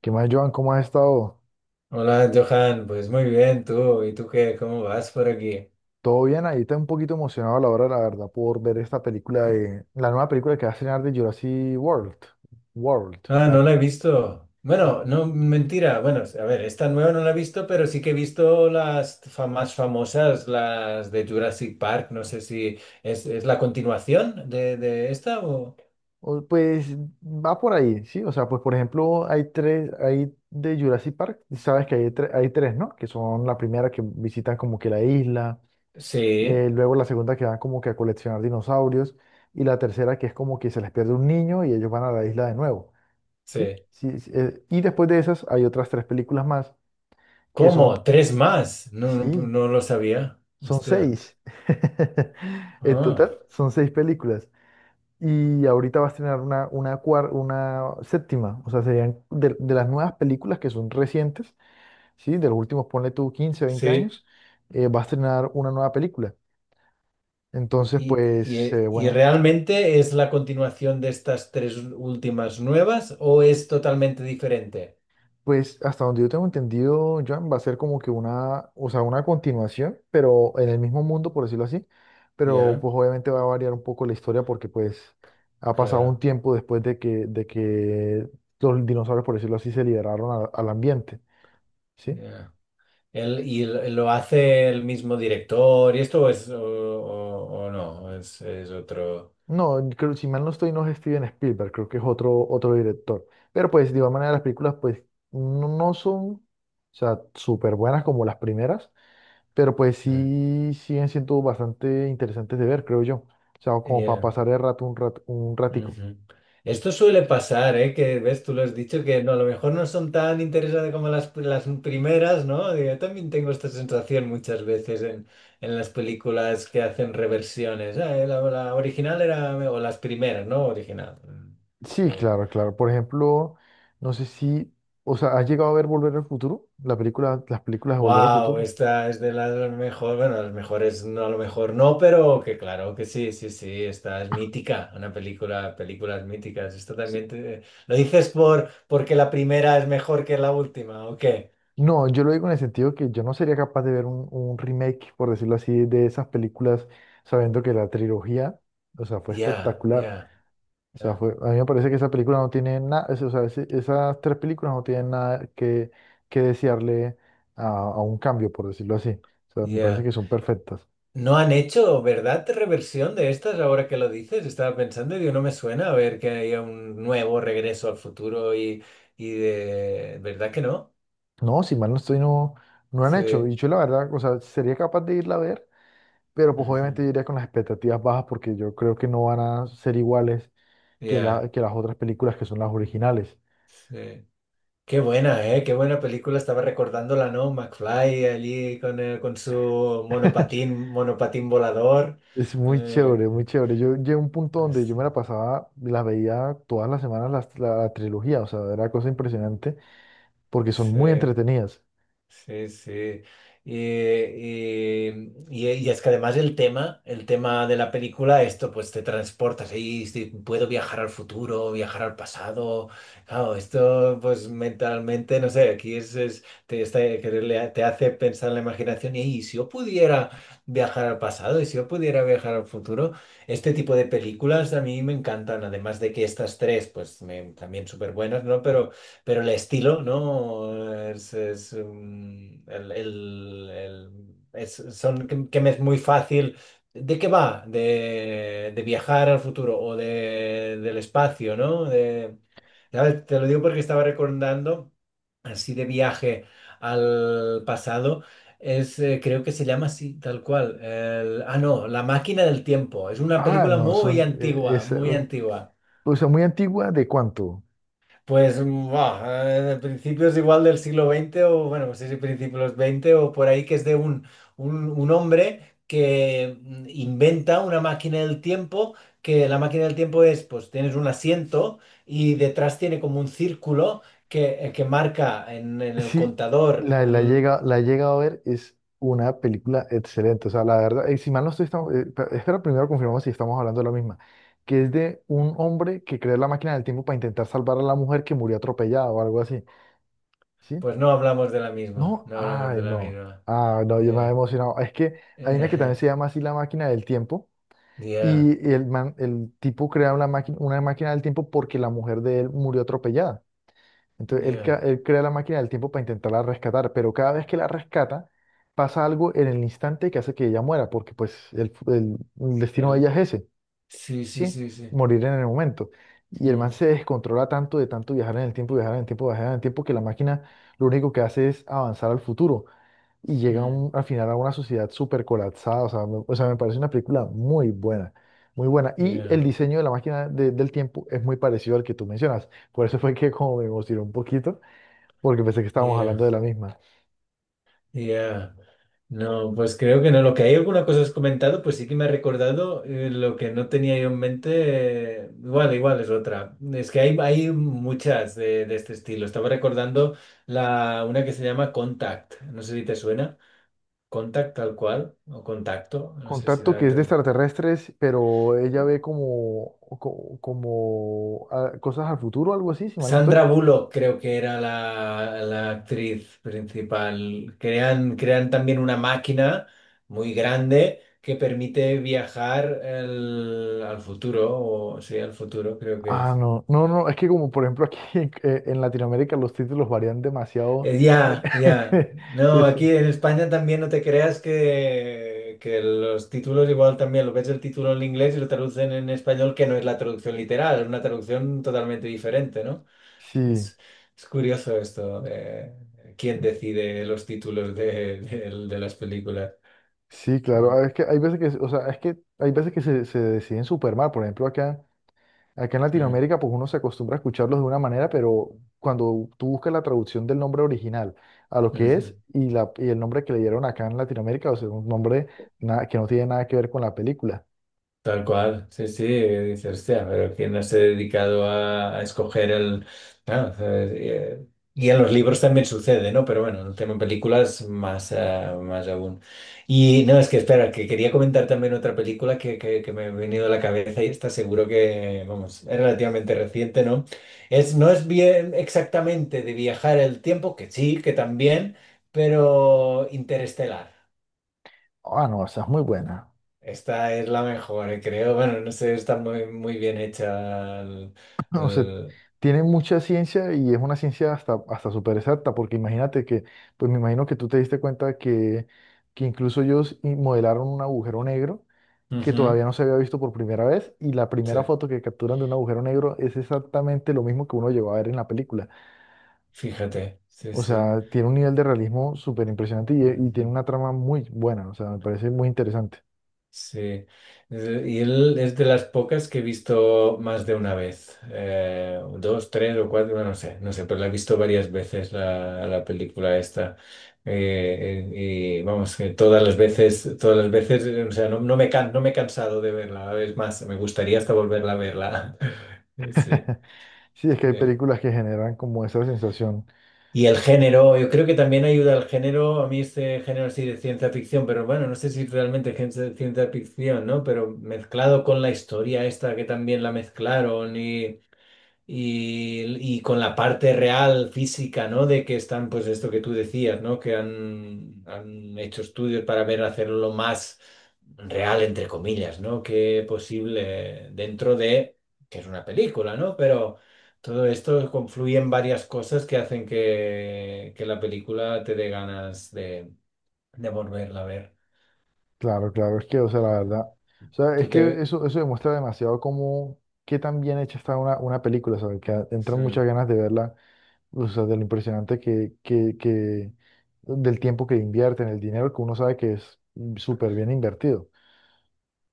¿Qué más, Joan? ¿Cómo has estado? Hola, Johan, pues muy bien, tú, ¿y tú qué? ¿Cómo vas por aquí? ¿Todo bien? Ahí está un poquito emocionado a la hora, la verdad, por ver esta película de la nueva película que va a estrenar de Jurassic World. World. Ah, la no la que he visto. Bueno, va- no, mentira, bueno, a ver, esta nueva no la he visto, pero sí que he visto las más famosas, las de Jurassic Park, no sé si es la continuación de esta o... pues va por ahí, ¿sí? O sea, pues por ejemplo, hay tres. Hay de Jurassic Park, sabes que hay, hay tres, ¿no? Que son la primera que visitan como que la isla, Sí, luego la segunda que van como que a coleccionar dinosaurios, y la tercera que es como que se les pierde un niño y ellos van a la isla de nuevo, ¿sí? sí. Sí, sí, y después de esas hay otras tres películas más que son, ¿Cómo? ¿Tres más? No, no, sí, no lo sabía. son Hostia. seis. En Ah, total, son seis películas. Y ahorita va a estrenar una séptima. O sea, serían de las nuevas películas que son recientes, ¿sí? De los últimos, ponle tú 15, veinte sí. años, va a estrenar una nueva película. Entonces, Y, pues, y- y bueno. realmente, ¿es la continuación de estas tres últimas nuevas o es totalmente diferente? Pues hasta donde yo tengo entendido, Joan, va a ser como que una, o sea, una continuación, pero en el mismo mundo, por decirlo así. Pero Ya, pues obviamente va a variar un poco la historia porque pues ha pasado un claro. tiempo después de que los dinosaurios, por decirlo así, se liberaron al ambiente, ¿sí? Ya. Él, ¿y lo hace el mismo director y esto o es o no? Es otro. No, creo, si mal no estoy, no es Steven Spielberg, creo que es otro, otro director. Pero pues de igual manera las películas pues no, no son, o sea, súper buenas como las primeras. Pero pues Mm. sí siguen siendo bastante interesantes de ver, creo yo. O sea, como para Ya. pasar el rato un ratico. Ujú. Esto suele pasar, ¿eh? Que ves, tú lo has dicho, que no, a lo mejor no son tan interesantes como las primeras, ¿no? Digo, yo también tengo esta sensación muchas veces en las películas que hacen reversiones. La original era, o las primeras, ¿no? Original. Mm, Sí, sí. claro, claro. Por ejemplo, no sé si, o sea, ¿has llegado a ver Volver al Futuro? La película, las películas de Volver al Wow, Futuro. esta es de las mejores, bueno, las mejores no, a lo mejor no, pero que claro que sí, sí, sí, esta es mítica, una película, películas míticas. Esto Sí. también ¿lo dices por porque la primera es mejor que la última o qué? No, yo lo digo en el sentido que yo no sería capaz de ver un remake, por decirlo así, de esas películas, sabiendo que la trilogía, o sea, fue Ya, espectacular. ya, O sea, ya, fue, a mí me parece que esa película no tiene nada, o sea, esas tres películas no tienen nada que, que desearle a un cambio, por decirlo así. O sea, me parece ya. que son perfectas. No han hecho, ¿verdad? Reversión de estas ahora que lo dices. Estaba pensando y digo, no me suena a ver que haya un nuevo regreso al futuro y de... ¿Verdad que no? No, si mal no estoy, no, no han hecho. Sí. Y yo la verdad, o sea, sería capaz de irla a ver, pero pues Ujú. obviamente yo iría con las expectativas bajas porque yo creo que no van a ser iguales que, la, Ya, que las otras películas que son las originales. sí. Qué buena, ¿eh? Qué buena película. Estaba recordándola, ¿no? McFly allí con su monopatín, monopatín volador. Es muy Eh, chévere, muy chévere. Yo llegué a un punto donde yo sí, me la pasaba, la veía todas las semanas la, la trilogía, o sea, era cosa impresionante porque son sí. muy entretenidas. Sí, sí. Y, y- y es que además el tema de la película, esto pues te transportas ahí, si puedo viajar al futuro, viajar al pasado. Claro, esto pues mentalmente, no sé, aquí es- te, está- que le- te hace pensar en la imaginación y, "Ey, si yo pudiera viajar al pasado y si yo pudiera viajar al futuro, este tipo de películas a mí me encantan, además de que estas tres pues también súper buenas, ¿no? Pero el estilo, ¿no? Es, mm, el- es- son, que me es muy fácil. ¿De qué va? De viajar al futuro o de, del espacio, ¿no? De, ¿sabes? Te lo digo porque estaba recordando, así de viaje al pasado, es, creo que se llama así, tal cual. No, La máquina del tiempo. Es una Ah, película no, muy son, antigua, es, muy antigua. o sea, muy antigua, ¿de cuánto? Pues, buah, de principios igual del siglo veinte o, bueno, no sé si principios 20 o por ahí, que es de un hombre que inventa una máquina del tiempo, que la máquina del tiempo es, pues tienes un asiento y detrás tiene como un círculo que marca en el Sí, contador. la, llega, la he llegado a ver, es una película excelente, o sea, la verdad, si mal no estoy, estamos, espera, primero confirmamos si estamos hablando de la misma, que es de un hombre que creó la máquina del tiempo para intentar salvar a la mujer que murió atropellada o algo así, ¿sí? Pues no hablamos de la misma, No, no hablamos ay, de la no, misma. ah, no, yo me había Yeah. emocionado, es que hay una que también se llama así la máquina del tiempo. Yeah, Y el, el tipo crea una máquina del tiempo porque la mujer de él murió atropellada. Entonces él, yeah. Él crea la máquina del tiempo para intentarla rescatar, pero cada vez que la rescata pasa algo en el instante que hace que ella muera, porque pues el, el destino de ella El- es ese, sí, sí, ¿sí? sí, sí. Morir en el momento. Y el man Mm, se descontrola tanto de tanto viajar en el tiempo, viajar en el tiempo, viajar en el tiempo, que la máquina lo único que hace es avanzar al futuro y llega a mm, al final a una sociedad súper colapsada. O sea, me parece una película muy buena, muy buena. Y yeah, el diseño de la máquina del tiempo es muy parecido al que tú mencionas. Por eso fue que como me emocionó un poquito, porque pensé que estábamos yeah. hablando de la misma. Ya, no, pues creo que no. Lo que hay alguna cosa has comentado, pues sí que me ha recordado lo que no tenía yo en mente. Igual, igual es otra. Es que hay muchas de este estilo. Estaba recordando la, una que se llama Contact. No sé si te suena. Contact tal cual, o contacto. No sé si Contacto la... que es de extraterrestres, pero ella ve como, como, ah, cosas al futuro, algo así, si mal no estoy. Sandra Bullock creo que era la, la actriz principal. Crean, crean también una máquina muy grande que permite viajar al futuro, o sí, al futuro creo que Ah, es. no, no, no, es que como por ejemplo aquí en Latinoamérica los títulos varían demasiado. En- Ya, ya. No, Eso, aquí en España también no te creas que los títulos igual también, lo ves el título en inglés y lo traducen en español que no es la traducción literal, es una traducción totalmente diferente, ¿no? sí. Es, es curioso esto de quién decide los títulos de, de las películas. Sí, claro, Mm, ah, es que hay veces que, o sea, es que hay veces que se deciden super mal. Por ejemplo, acá, acá en mm, Latinoamérica, pues uno se acostumbra a escucharlos de una manera, pero cuando tú buscas la traducción del nombre original a lo que ujú. es y, la, y el nombre que le dieron acá en Latinoamérica, o sea, un nombre nada, que no tiene nada que ver con la película. Tal cual, sí, sí, dice, hostia, pero ¿quién no se ha dedicado a escoger el...? Claro, y en los libros también sucede, ¿no? Pero bueno, el tema en películas más, más aún. Y no, es que espera, que quería comentar también otra película que me ha venido a la cabeza y está seguro que, vamos, es relativamente reciente, ¿no? Es, no es bien exactamente de viajar el tiempo, que sí, que también, pero Interestelar. Ah, no, esa es muy buena. Esta es la mejor, creo. Bueno, no sé, está muy, muy bien hecha. O sea, el- tiene mucha ciencia y es una ciencia hasta, hasta súper exacta, porque imagínate que, pues me imagino que tú te diste cuenta que incluso ellos modelaron un agujero negro que Ujú, todavía no se había visto por primera vez y la sí, primera foto que capturan de un agujero negro es exactamente lo mismo que uno llegó a ver en la película. fíjate, sí, O sí. sea, tiene un nivel de realismo súper impresionante y tiene Ujú, una trama muy buena, o sea, me parece muy interesante. sí. Y él es de las pocas que he visto más de una vez. Eh, dos, tres o cuatro, bueno, no sé, no sé, pero la he visto varias veces la, la película esta. Y vamos, que todas las veces, o sea, no, no me he cansado de verla. Es más, me gustaría hasta volverla a verla. Sí. Sí, es que hay Sí. películas que generan como esa sensación. Y el género, yo creo que también ayuda al género, a mí este género sí de ciencia ficción, pero bueno, no sé si realmente es ciencia ficción, ¿no? Pero mezclado con la historia esta que también la mezclaron y, y con la parte real física, ¿no? De que están, pues esto que tú decías, ¿no? Que han, han hecho estudios para ver hacerlo lo más real, entre comillas, ¿no? Que posible dentro de, que es una película, ¿no? Pero todo esto confluye en varias cosas que hacen que la película te dé ganas de volverla a ver. Claro, claro, es que, o sea, la verdad, o sea, es Tú que te... eso demuestra demasiado cómo, qué tan bien hecha está una película, ¿sabes? Que entran Mm. muchas ganas de verla. O sea, de lo impresionante que, del tiempo que invierten, el dinero que uno sabe que es súper bien invertido.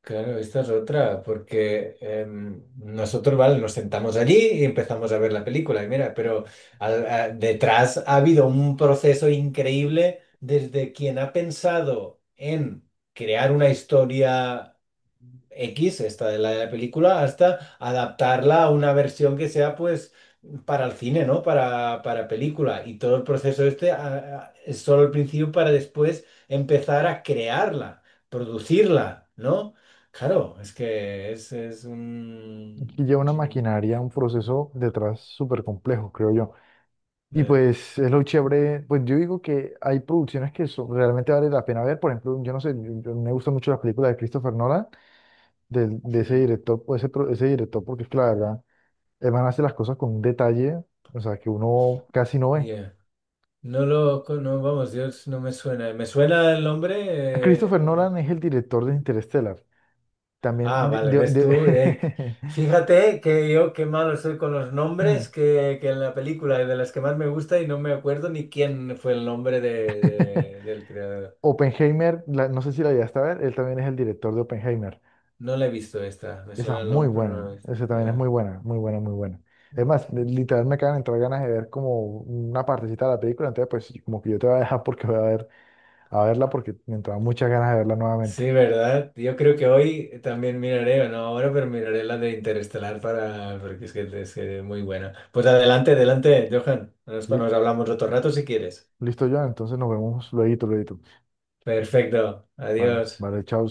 Claro, esta es otra, porque nosotros, vale, nos sentamos allí y empezamos a ver la película, y mira, pero detrás ha habido un proceso increíble desde quien ha pensado en crear una historia. X, esta de la película, hasta adaptarla a una versión que sea pues para el cine, ¿no? Para película. Y todo el proceso este es solo el principio para después empezar a crearla, producirla, ¿no? Claro, es que es Aquí un... lleva una maquinaria, un proceso detrás súper complejo, creo yo. Y eh, pues es lo chévere, pues yo digo que hay producciones que son- realmente vale la pena ver. Por ejemplo, yo no sé, me gustan mucho las películas de Christopher Nolan, del de ese mm, director, o ese, ese director, porque es que la verdad, el man hace las cosas con un detalle, o sea, que uno casi no ve. yeah. No, vamos, Dios, no me suena. Me suena el nombre, Christopher eh, Nolan es el director de Interstellar. También, ah, vale, ves tú. Fíjate que yo qué malo soy con los nombres, que en la película de las que más me gusta y no me acuerdo ni quién fue el nombre de, del creador. Oppenheimer, no sé si la llegaste a ver, él también es el director de Oppenheimer. No la he visto esta, me Esa suena es el muy nombre, pero no buena, la he visto. esa también es Ya. muy buena, muy buena, muy buena. Además, literal me acaban de entrar ganas de ver como una partecita de la película, entonces pues como que yo te voy a dejar porque voy a ver, a verla porque me entraban muchas ganas de verla nuevamente. Sí, ¿verdad? Yo creo que hoy también miraré, o no ahora, pero miraré la de Interestelar para, porque es que es que es muy buena. Pues adelante, adelante, Johan. Nos, Li- nos hablamos otro rato si quieres. listo, Joan, entonces nos vemos luego, luego. Perfecto, Vale, adiós. vale, chao.